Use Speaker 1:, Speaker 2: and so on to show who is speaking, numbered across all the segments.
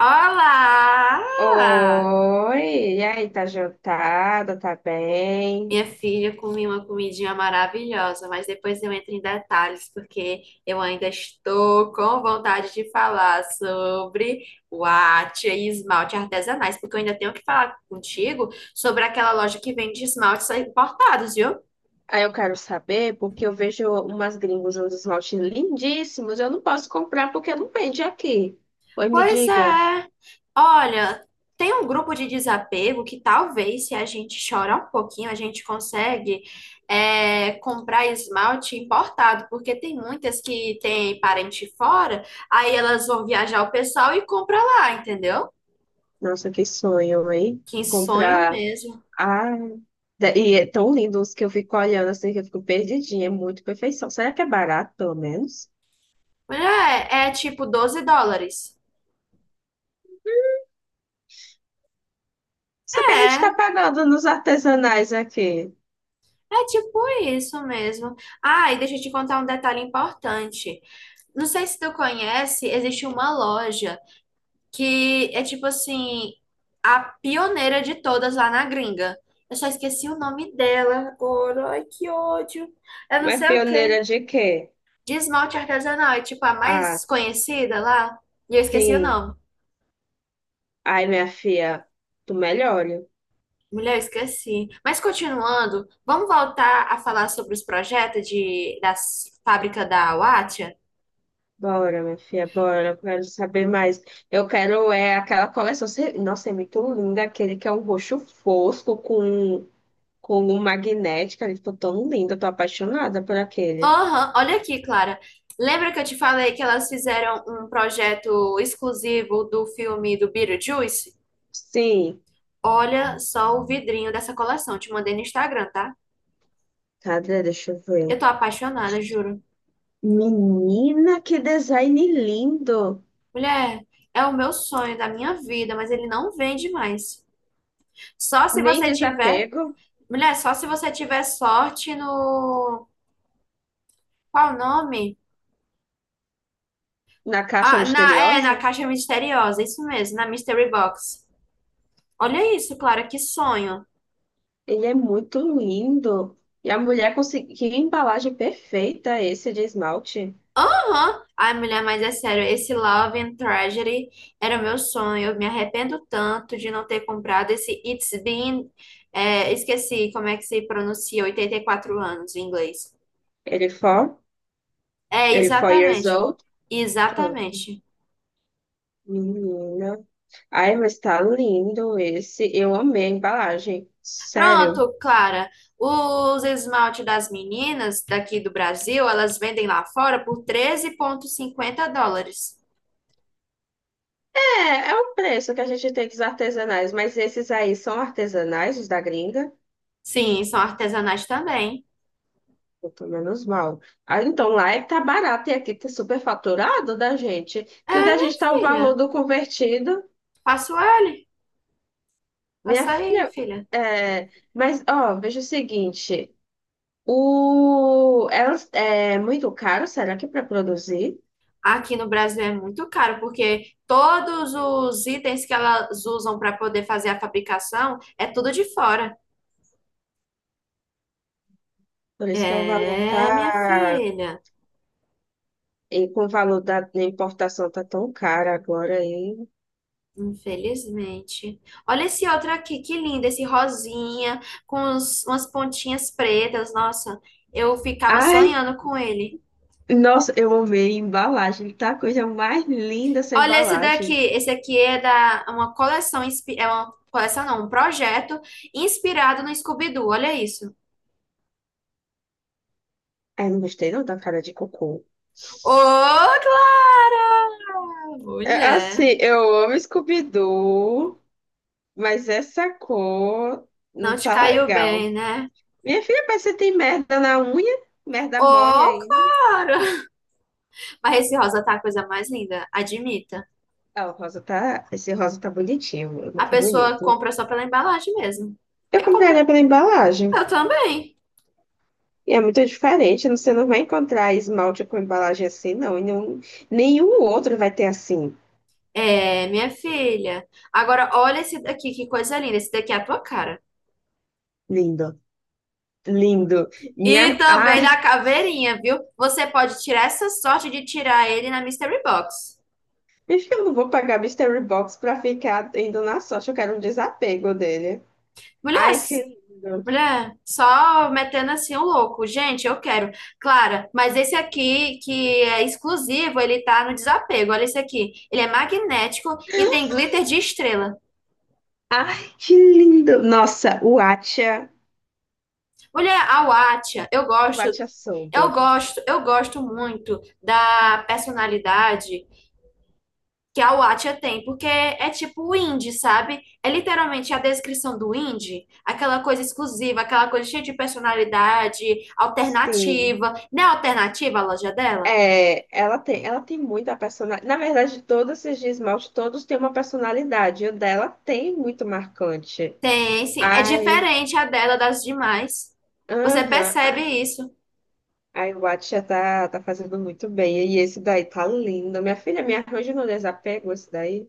Speaker 1: Olá!
Speaker 2: Oi, e aí, tá jantada, tá bem?
Speaker 1: Minha filha, comi uma comidinha maravilhosa, mas depois eu entro em detalhes, porque eu ainda estou com vontade de falar sobre guache e esmalte artesanais, porque eu ainda tenho que falar contigo sobre aquela loja que vende esmaltes importados, viu?
Speaker 2: Aí eu quero saber, porque eu vejo umas gringos uns esmaltes lindíssimos, eu não posso comprar porque não vende aqui. Oi, me
Speaker 1: Pois
Speaker 2: diga.
Speaker 1: é. Olha, tem um grupo de desapego que talvez, se a gente chorar um pouquinho, a gente consegue comprar esmalte importado, porque tem muitas que têm parente fora, aí elas vão viajar o pessoal e compra lá, entendeu?
Speaker 2: Nossa, que sonho, hein?
Speaker 1: Que sonho
Speaker 2: Comprar.
Speaker 1: mesmo.
Speaker 2: Ah, e é tão lindo os que eu fico olhando assim que eu fico perdidinha, é muito perfeição. Será que é barato, pelo menos?
Speaker 1: É, é tipo $12.
Speaker 2: Só que a gente tá
Speaker 1: É,
Speaker 2: pagando nos artesanais aqui.
Speaker 1: é tipo isso mesmo. Ah, e deixa eu te contar um detalhe importante. Não sei se tu conhece, existe uma loja que é tipo assim, a pioneira de todas lá na gringa. Eu só esqueci o nome dela agora. Ai, que ódio. Eu não
Speaker 2: Mas
Speaker 1: sei o quê.
Speaker 2: pioneira de quê?
Speaker 1: De esmalte artesanal, é tipo a
Speaker 2: Ah,
Speaker 1: mais conhecida lá. E eu esqueci o
Speaker 2: sim.
Speaker 1: nome.
Speaker 2: Ai, minha filha, tu melhore.
Speaker 1: Mulher, eu esqueci. Mas continuando, vamos voltar a falar sobre os projetos da fábrica da Wattia?
Speaker 2: Bora, minha filha, bora. Eu quero saber mais. Eu quero é aquela coleção. Nossa, é muito linda. Aquele que é um roxo fosco com um magnético. Ele ficou tão lindo. Eu tô apaixonada por aquele.
Speaker 1: Aham, olha aqui, Clara. Lembra que eu te falei que elas fizeram um projeto exclusivo do filme do Beetlejuice?
Speaker 2: Sim.
Speaker 1: Olha só o vidrinho dessa coleção. Te mandei no Instagram, tá?
Speaker 2: Cadê? Deixa eu
Speaker 1: Eu
Speaker 2: ver.
Speaker 1: tô apaixonada, juro.
Speaker 2: Menina, que design lindo.
Speaker 1: Mulher, é o meu sonho da minha vida, mas ele não vende mais. Só se
Speaker 2: Nem
Speaker 1: você tiver.
Speaker 2: desapego
Speaker 1: Mulher, só se você tiver sorte no. Qual o nome?
Speaker 2: na caixa
Speaker 1: Ah, na
Speaker 2: misteriosa.
Speaker 1: caixa misteriosa, isso mesmo, na Mystery Box. Olha isso, Clara, que sonho.
Speaker 2: Ele é muito lindo. E a mulher conseguiu. Que embalagem perfeita esse de esmalte.
Speaker 1: Aham. Ai, mulher, mas é sério, esse Love and Tragedy era o meu sonho. Eu me arrependo tanto de não ter comprado esse It's Been, esqueci como é que se pronuncia, 84 anos em inglês.
Speaker 2: Ele foi,
Speaker 1: É,
Speaker 2: ele foi years
Speaker 1: exatamente.
Speaker 2: old. Ah,
Speaker 1: Exatamente.
Speaker 2: menina. Ai, mas tá lindo esse. Eu amei a embalagem. Sério.
Speaker 1: Pronto, Clara. Os esmalte das meninas daqui do Brasil, elas vendem lá fora por $13,50.
Speaker 2: É, é o preço que a gente tem dos artesanais, mas esses aí são artesanais, os da gringa.
Speaker 1: Sim, são artesanais também.
Speaker 2: Eu tô menos mal. Ah, então lá é que tá barato e aqui tá super faturado da gente.
Speaker 1: É,
Speaker 2: Que o da
Speaker 1: minha
Speaker 2: gente tá o valor
Speaker 1: filha.
Speaker 2: do convertido.
Speaker 1: Faço L.
Speaker 2: Minha
Speaker 1: Passa aí, minha
Speaker 2: filha,
Speaker 1: filha.
Speaker 2: é, mas ó, veja o seguinte. O, elas, é muito caro, será que para produzir?
Speaker 1: Aqui no Brasil é muito caro, porque todos os itens que elas usam para poder fazer a fabricação é tudo de fora.
Speaker 2: Por isso que o valor
Speaker 1: É, minha
Speaker 2: tá.
Speaker 1: filha,
Speaker 2: E com o valor da importação tá tão caro agora aí.
Speaker 1: infelizmente. Olha esse outro aqui, que lindo, esse rosinha, com umas pontinhas pretas. Nossa, eu ficava
Speaker 2: Ai,
Speaker 1: sonhando com ele.
Speaker 2: nossa, eu amei a embalagem. Tá a coisa mais linda essa
Speaker 1: Olha esse daqui,
Speaker 2: embalagem.
Speaker 1: esse aqui é da é uma coleção, é uma coleção não, um projeto inspirado no Scooby-Doo, olha isso.
Speaker 2: Ai, não gostei não da cara de cocô.
Speaker 1: Ô, Clara!
Speaker 2: É
Speaker 1: Mulher,
Speaker 2: assim, eu amo Scooby-Doo, mas essa cor não
Speaker 1: não te
Speaker 2: tá
Speaker 1: caiu
Speaker 2: legal.
Speaker 1: bem, né?
Speaker 2: Minha filha, mas você tem merda na unha? Merda mole
Speaker 1: Ô,
Speaker 2: ainda?
Speaker 1: Clara! Mas esse rosa tá a coisa mais linda, admita.
Speaker 2: Ah, o rosa tá. Esse rosa tá bonitinho, o meu
Speaker 1: A
Speaker 2: tá
Speaker 1: pessoa
Speaker 2: bonito.
Speaker 1: compra só pela embalagem mesmo.
Speaker 2: Eu
Speaker 1: Eu compro.
Speaker 2: compraria pela embalagem.
Speaker 1: Eu também.
Speaker 2: E é muito diferente, você não vai encontrar esmalte com embalagem assim, não. Nenhum outro vai ter assim.
Speaker 1: É, minha filha. Agora, olha esse daqui, que coisa linda. Esse daqui é a tua cara.
Speaker 2: Lindo. Lindo.
Speaker 1: E
Speaker 2: Minha.
Speaker 1: também
Speaker 2: Ai,
Speaker 1: da caveirinha, viu? Você pode tirar essa sorte de tirar ele na Mystery Box.
Speaker 2: acho que eu não vou pagar Mystery Box pra ficar indo na sorte. Eu quero um desapego dele.
Speaker 1: Mulher,
Speaker 2: Ai, que lindo.
Speaker 1: Mulher, só metendo assim o louco. Gente, eu quero. Clara, mas esse aqui que é exclusivo, ele tá no desapego. Olha esse aqui. Ele é magnético e tem glitter de estrela.
Speaker 2: Ai, que lindo. Nossa, o Atia.
Speaker 1: Mulher, a Wattia, eu
Speaker 2: O
Speaker 1: gosto,
Speaker 2: Atia
Speaker 1: eu
Speaker 2: Soube.
Speaker 1: gosto, eu gosto muito da personalidade que a Wattia tem, porque é tipo o indie, sabe? É literalmente a descrição do indie, aquela coisa exclusiva, aquela coisa cheia de personalidade,
Speaker 2: Sim.
Speaker 1: alternativa. Não é alternativa a loja dela?
Speaker 2: É, ela tem muita personalidade. Na verdade, todos esses de esmalte, todos têm uma personalidade. E o dela tem muito marcante.
Speaker 1: Tem, sim. É
Speaker 2: Ai,
Speaker 1: diferente a dela das demais. Você
Speaker 2: aham,
Speaker 1: percebe
Speaker 2: ah,
Speaker 1: isso.
Speaker 2: a iWatch já tá, tá fazendo muito bem. E esse daí tá lindo. Minha filha, me arranja no desapego esse daí.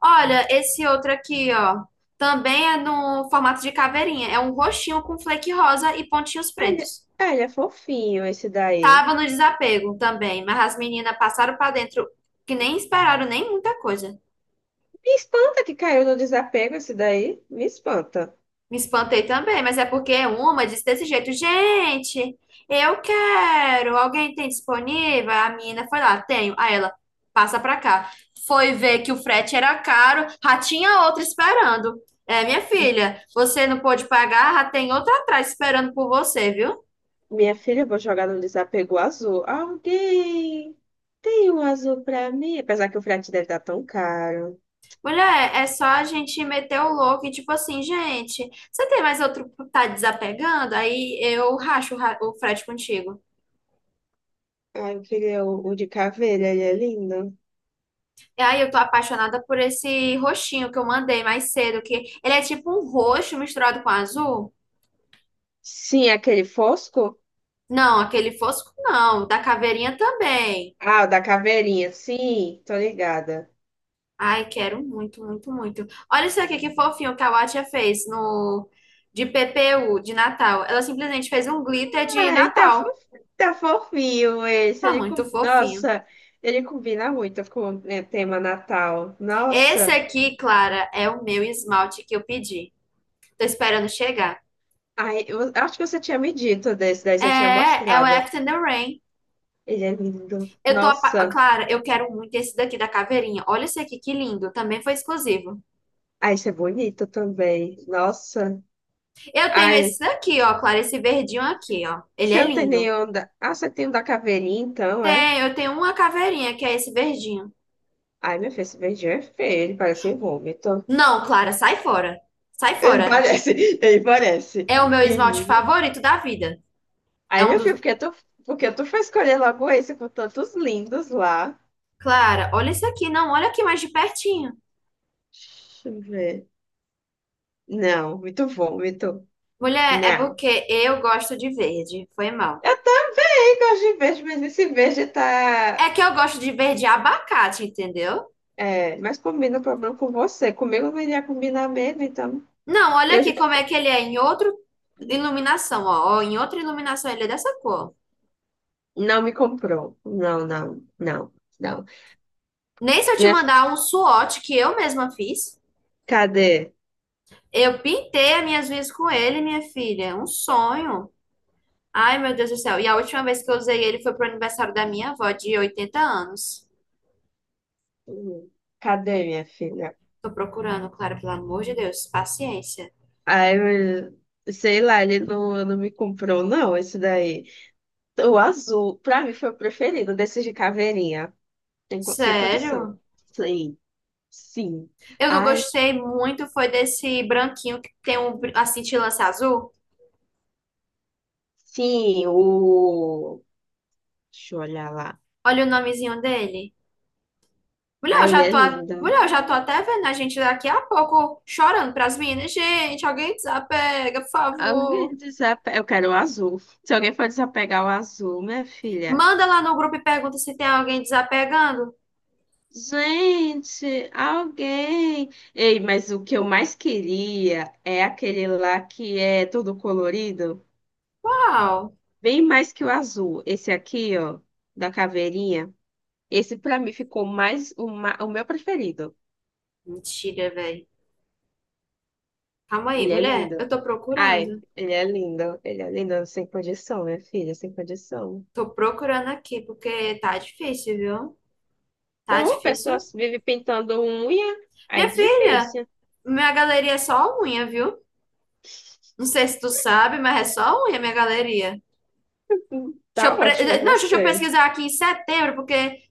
Speaker 1: Olha, esse outro aqui, ó. Também é no formato de caveirinha. É um roxinho com flake rosa e pontinhos
Speaker 2: Ah, ele,
Speaker 1: pretos.
Speaker 2: ah, ele é fofinho, esse daí.
Speaker 1: Tava no desapego também, mas as meninas passaram pra dentro que nem esperaram nem muita coisa.
Speaker 2: Me espanta que caiu no desapego esse daí. Me espanta.
Speaker 1: Me espantei também, mas é porque uma disse desse jeito, gente, eu quero, alguém tem disponível? A menina foi lá, tenho. Aí ela, passa pra cá. Foi ver que o frete era caro, já tinha outra esperando. É, minha
Speaker 2: M-
Speaker 1: filha, você não pôde pagar, já tem outra atrás esperando por você, viu?
Speaker 2: Minha filha, eu vou jogar no desapego azul. Alguém tem um azul pra mim? Apesar que o frete deve estar tão caro.
Speaker 1: Mulher, é só a gente meter o louco e tipo assim, gente, você tem mais outro que tá desapegando? Aí eu racho o o frete contigo.
Speaker 2: Ah, eu queria o de caveira, ele é lindo.
Speaker 1: E aí eu tô apaixonada por esse roxinho que eu mandei mais cedo, que ele é tipo um roxo misturado com azul.
Speaker 2: Sim, aquele fosco?
Speaker 1: Não, aquele fosco não, da caveirinha também.
Speaker 2: Ah, o da caveirinha, sim, tô ligada.
Speaker 1: Ai, quero muito, muito, muito. Olha isso aqui que fofinho que a Watia fez no de PPU de Natal. Ela simplesmente fez um glitter de
Speaker 2: Ai, tá,
Speaker 1: Natal.
Speaker 2: fof- tá fofinho esse.
Speaker 1: Tá muito fofinho.
Speaker 2: Nossa, ele combina muito com o tema Natal.
Speaker 1: Esse
Speaker 2: Nossa,
Speaker 1: aqui, Clara, é o meu esmalte que eu pedi. Tô esperando chegar.
Speaker 2: ai, eu acho que você tinha me dito desse, daí você tinha
Speaker 1: É, é o
Speaker 2: mostrado.
Speaker 1: After the Rain.
Speaker 2: Ele é lindo.
Speaker 1: Eu tô,
Speaker 2: Nossa,
Speaker 1: Clara, eu quero muito esse daqui da caveirinha. Olha esse aqui, que lindo. Também foi exclusivo.
Speaker 2: ai, esse é bonito também. Nossa,
Speaker 1: Eu tenho
Speaker 2: ai,
Speaker 1: esse daqui, ó, Clara, esse verdinho aqui, ó. Ele
Speaker 2: você
Speaker 1: é
Speaker 2: não tem
Speaker 1: lindo.
Speaker 2: nenhum da... Ah, você tem um da caveirinha, então, é?
Speaker 1: Tem, eu tenho uma caveirinha que é esse verdinho.
Speaker 2: Ai, meu filho, esse beijinho é feio, ele parece um vômito.
Speaker 1: Não, Clara, sai fora. Sai
Speaker 2: Ele
Speaker 1: fora.
Speaker 2: parece, ele parece.
Speaker 1: É o meu esmalte favorito da vida. É
Speaker 2: Aí,
Speaker 1: um
Speaker 2: meu filho,
Speaker 1: dos.
Speaker 2: porque tu foi escolher logo esse com tantos lindos lá?
Speaker 1: Clara, olha isso aqui, não, olha aqui mais de pertinho.
Speaker 2: Deixa eu ver. Não, muito bom, muito.
Speaker 1: Mulher, é
Speaker 2: Não.
Speaker 1: porque eu gosto de verde. Foi mal.
Speaker 2: Eu também gosto de verde, mas esse verde tá.
Speaker 1: É que eu gosto de verde abacate, entendeu?
Speaker 2: É, mas combina o problema com você. Comigo não iria combinar mesmo, então.
Speaker 1: Não, olha
Speaker 2: Eu, já-
Speaker 1: aqui como é que ele é em outra iluminação, ó. Ó, em outra iluminação ele é dessa cor.
Speaker 2: não me comprou. Não, não, não, não.
Speaker 1: Nem se eu te
Speaker 2: Minha,
Speaker 1: mandar um swatch que eu mesma fiz.
Speaker 2: cadê?
Speaker 1: Eu pintei as minhas unhas com ele, minha filha. É um sonho. Ai, meu Deus do céu. E a última vez que eu usei ele foi pro aniversário da minha avó de 80 anos.
Speaker 2: Hum, Cadê minha filha?
Speaker 1: Tô procurando, Clara, pelo amor de Deus. Paciência.
Speaker 2: Sei lá, ele não, não me comprou, não, esse daí. O azul, pra mim, foi o preferido desses de caveirinha. Sem condição.
Speaker 1: Sério?
Speaker 2: Sim, sim.
Speaker 1: Eu não
Speaker 2: Ai,
Speaker 1: gostei muito foi desse branquinho que tem um, a cintilância azul.
Speaker 2: sim, o. Deixa eu olhar lá.
Speaker 1: Olha o nomezinho dele. Mulher, eu
Speaker 2: Ai, ele
Speaker 1: já
Speaker 2: é
Speaker 1: tô,
Speaker 2: lindo.
Speaker 1: mulher, eu já tô até vendo a gente daqui a pouco chorando pras meninas. Gente, alguém desapega, por favor.
Speaker 2: Alguém desape... Eu quero o azul. Se alguém for desapegar o azul, minha filha.
Speaker 1: Manda lá no grupo e pergunta se tem alguém desapegando.
Speaker 2: Gente, alguém. Ei, mas o que eu mais queria é aquele lá que é todo colorido.
Speaker 1: Uau!
Speaker 2: Bem mais que o azul. Esse aqui, ó, da caveirinha. Esse pra mim ficou mais o meu preferido.
Speaker 1: Mentira, velho. Calma aí,
Speaker 2: Ele é
Speaker 1: mulher, eu
Speaker 2: lindo.
Speaker 1: tô
Speaker 2: Ai,
Speaker 1: procurando.
Speaker 2: ele é lindo. Ele é lindo, sem condição, minha filha, sem condição.
Speaker 1: Tô procurando aqui, porque tá difícil, viu? Tá
Speaker 2: Uma pessoa
Speaker 1: difícil.
Speaker 2: vive pintando unha, aí
Speaker 1: Minha
Speaker 2: é
Speaker 1: filha,
Speaker 2: difícil.
Speaker 1: minha galeria é só unha, viu? Não sei se tu sabe, mas é só unha minha galeria.
Speaker 2: Tá ótimo
Speaker 1: Não, deixa eu
Speaker 2: você.
Speaker 1: pesquisar aqui em setembro, porque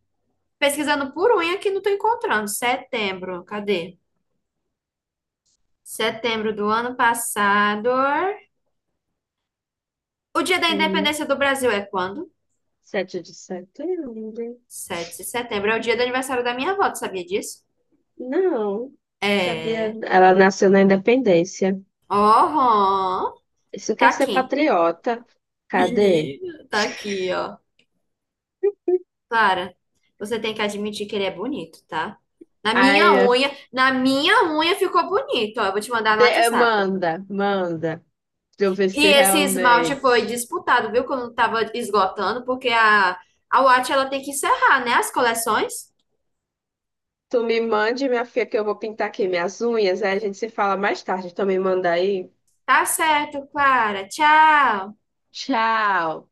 Speaker 1: pesquisando por unha que não estou encontrando. Setembro, cadê? Setembro do ano passado. O dia da
Speaker 2: Hum,
Speaker 1: independência do Brasil é quando?
Speaker 2: Sete de setembro.
Speaker 1: 7 de setembro. É o dia do aniversário da minha avó, tu sabia disso?
Speaker 2: Não, sabia.
Speaker 1: É.
Speaker 2: Ela nasceu na Independência.
Speaker 1: Oh,
Speaker 2: Isso
Speaker 1: tá
Speaker 2: quer ser
Speaker 1: aqui.
Speaker 2: patriota. Cadê?
Speaker 1: Menina, tá aqui, ó. Clara, você tem que admitir que ele é bonito, tá? Na
Speaker 2: Ai,
Speaker 1: minha
Speaker 2: minha
Speaker 1: unha, na minha unha ficou bonito, ó. Eu vou te mandar no
Speaker 2: filha,
Speaker 1: WhatsApp.
Speaker 2: manda, manda. Pra eu ver
Speaker 1: E
Speaker 2: se
Speaker 1: esse esmalte foi
Speaker 2: realmente.
Speaker 1: disputado, viu? Quando tava esgotando, porque a Watch ela tem que encerrar, né? As coleções.
Speaker 2: Tu me mande, minha filha, que eu vou pintar aqui minhas unhas. Aí a gente se fala mais tarde. Então me manda aí.
Speaker 1: Tá certo, Clara. Tchau.
Speaker 2: Tchau.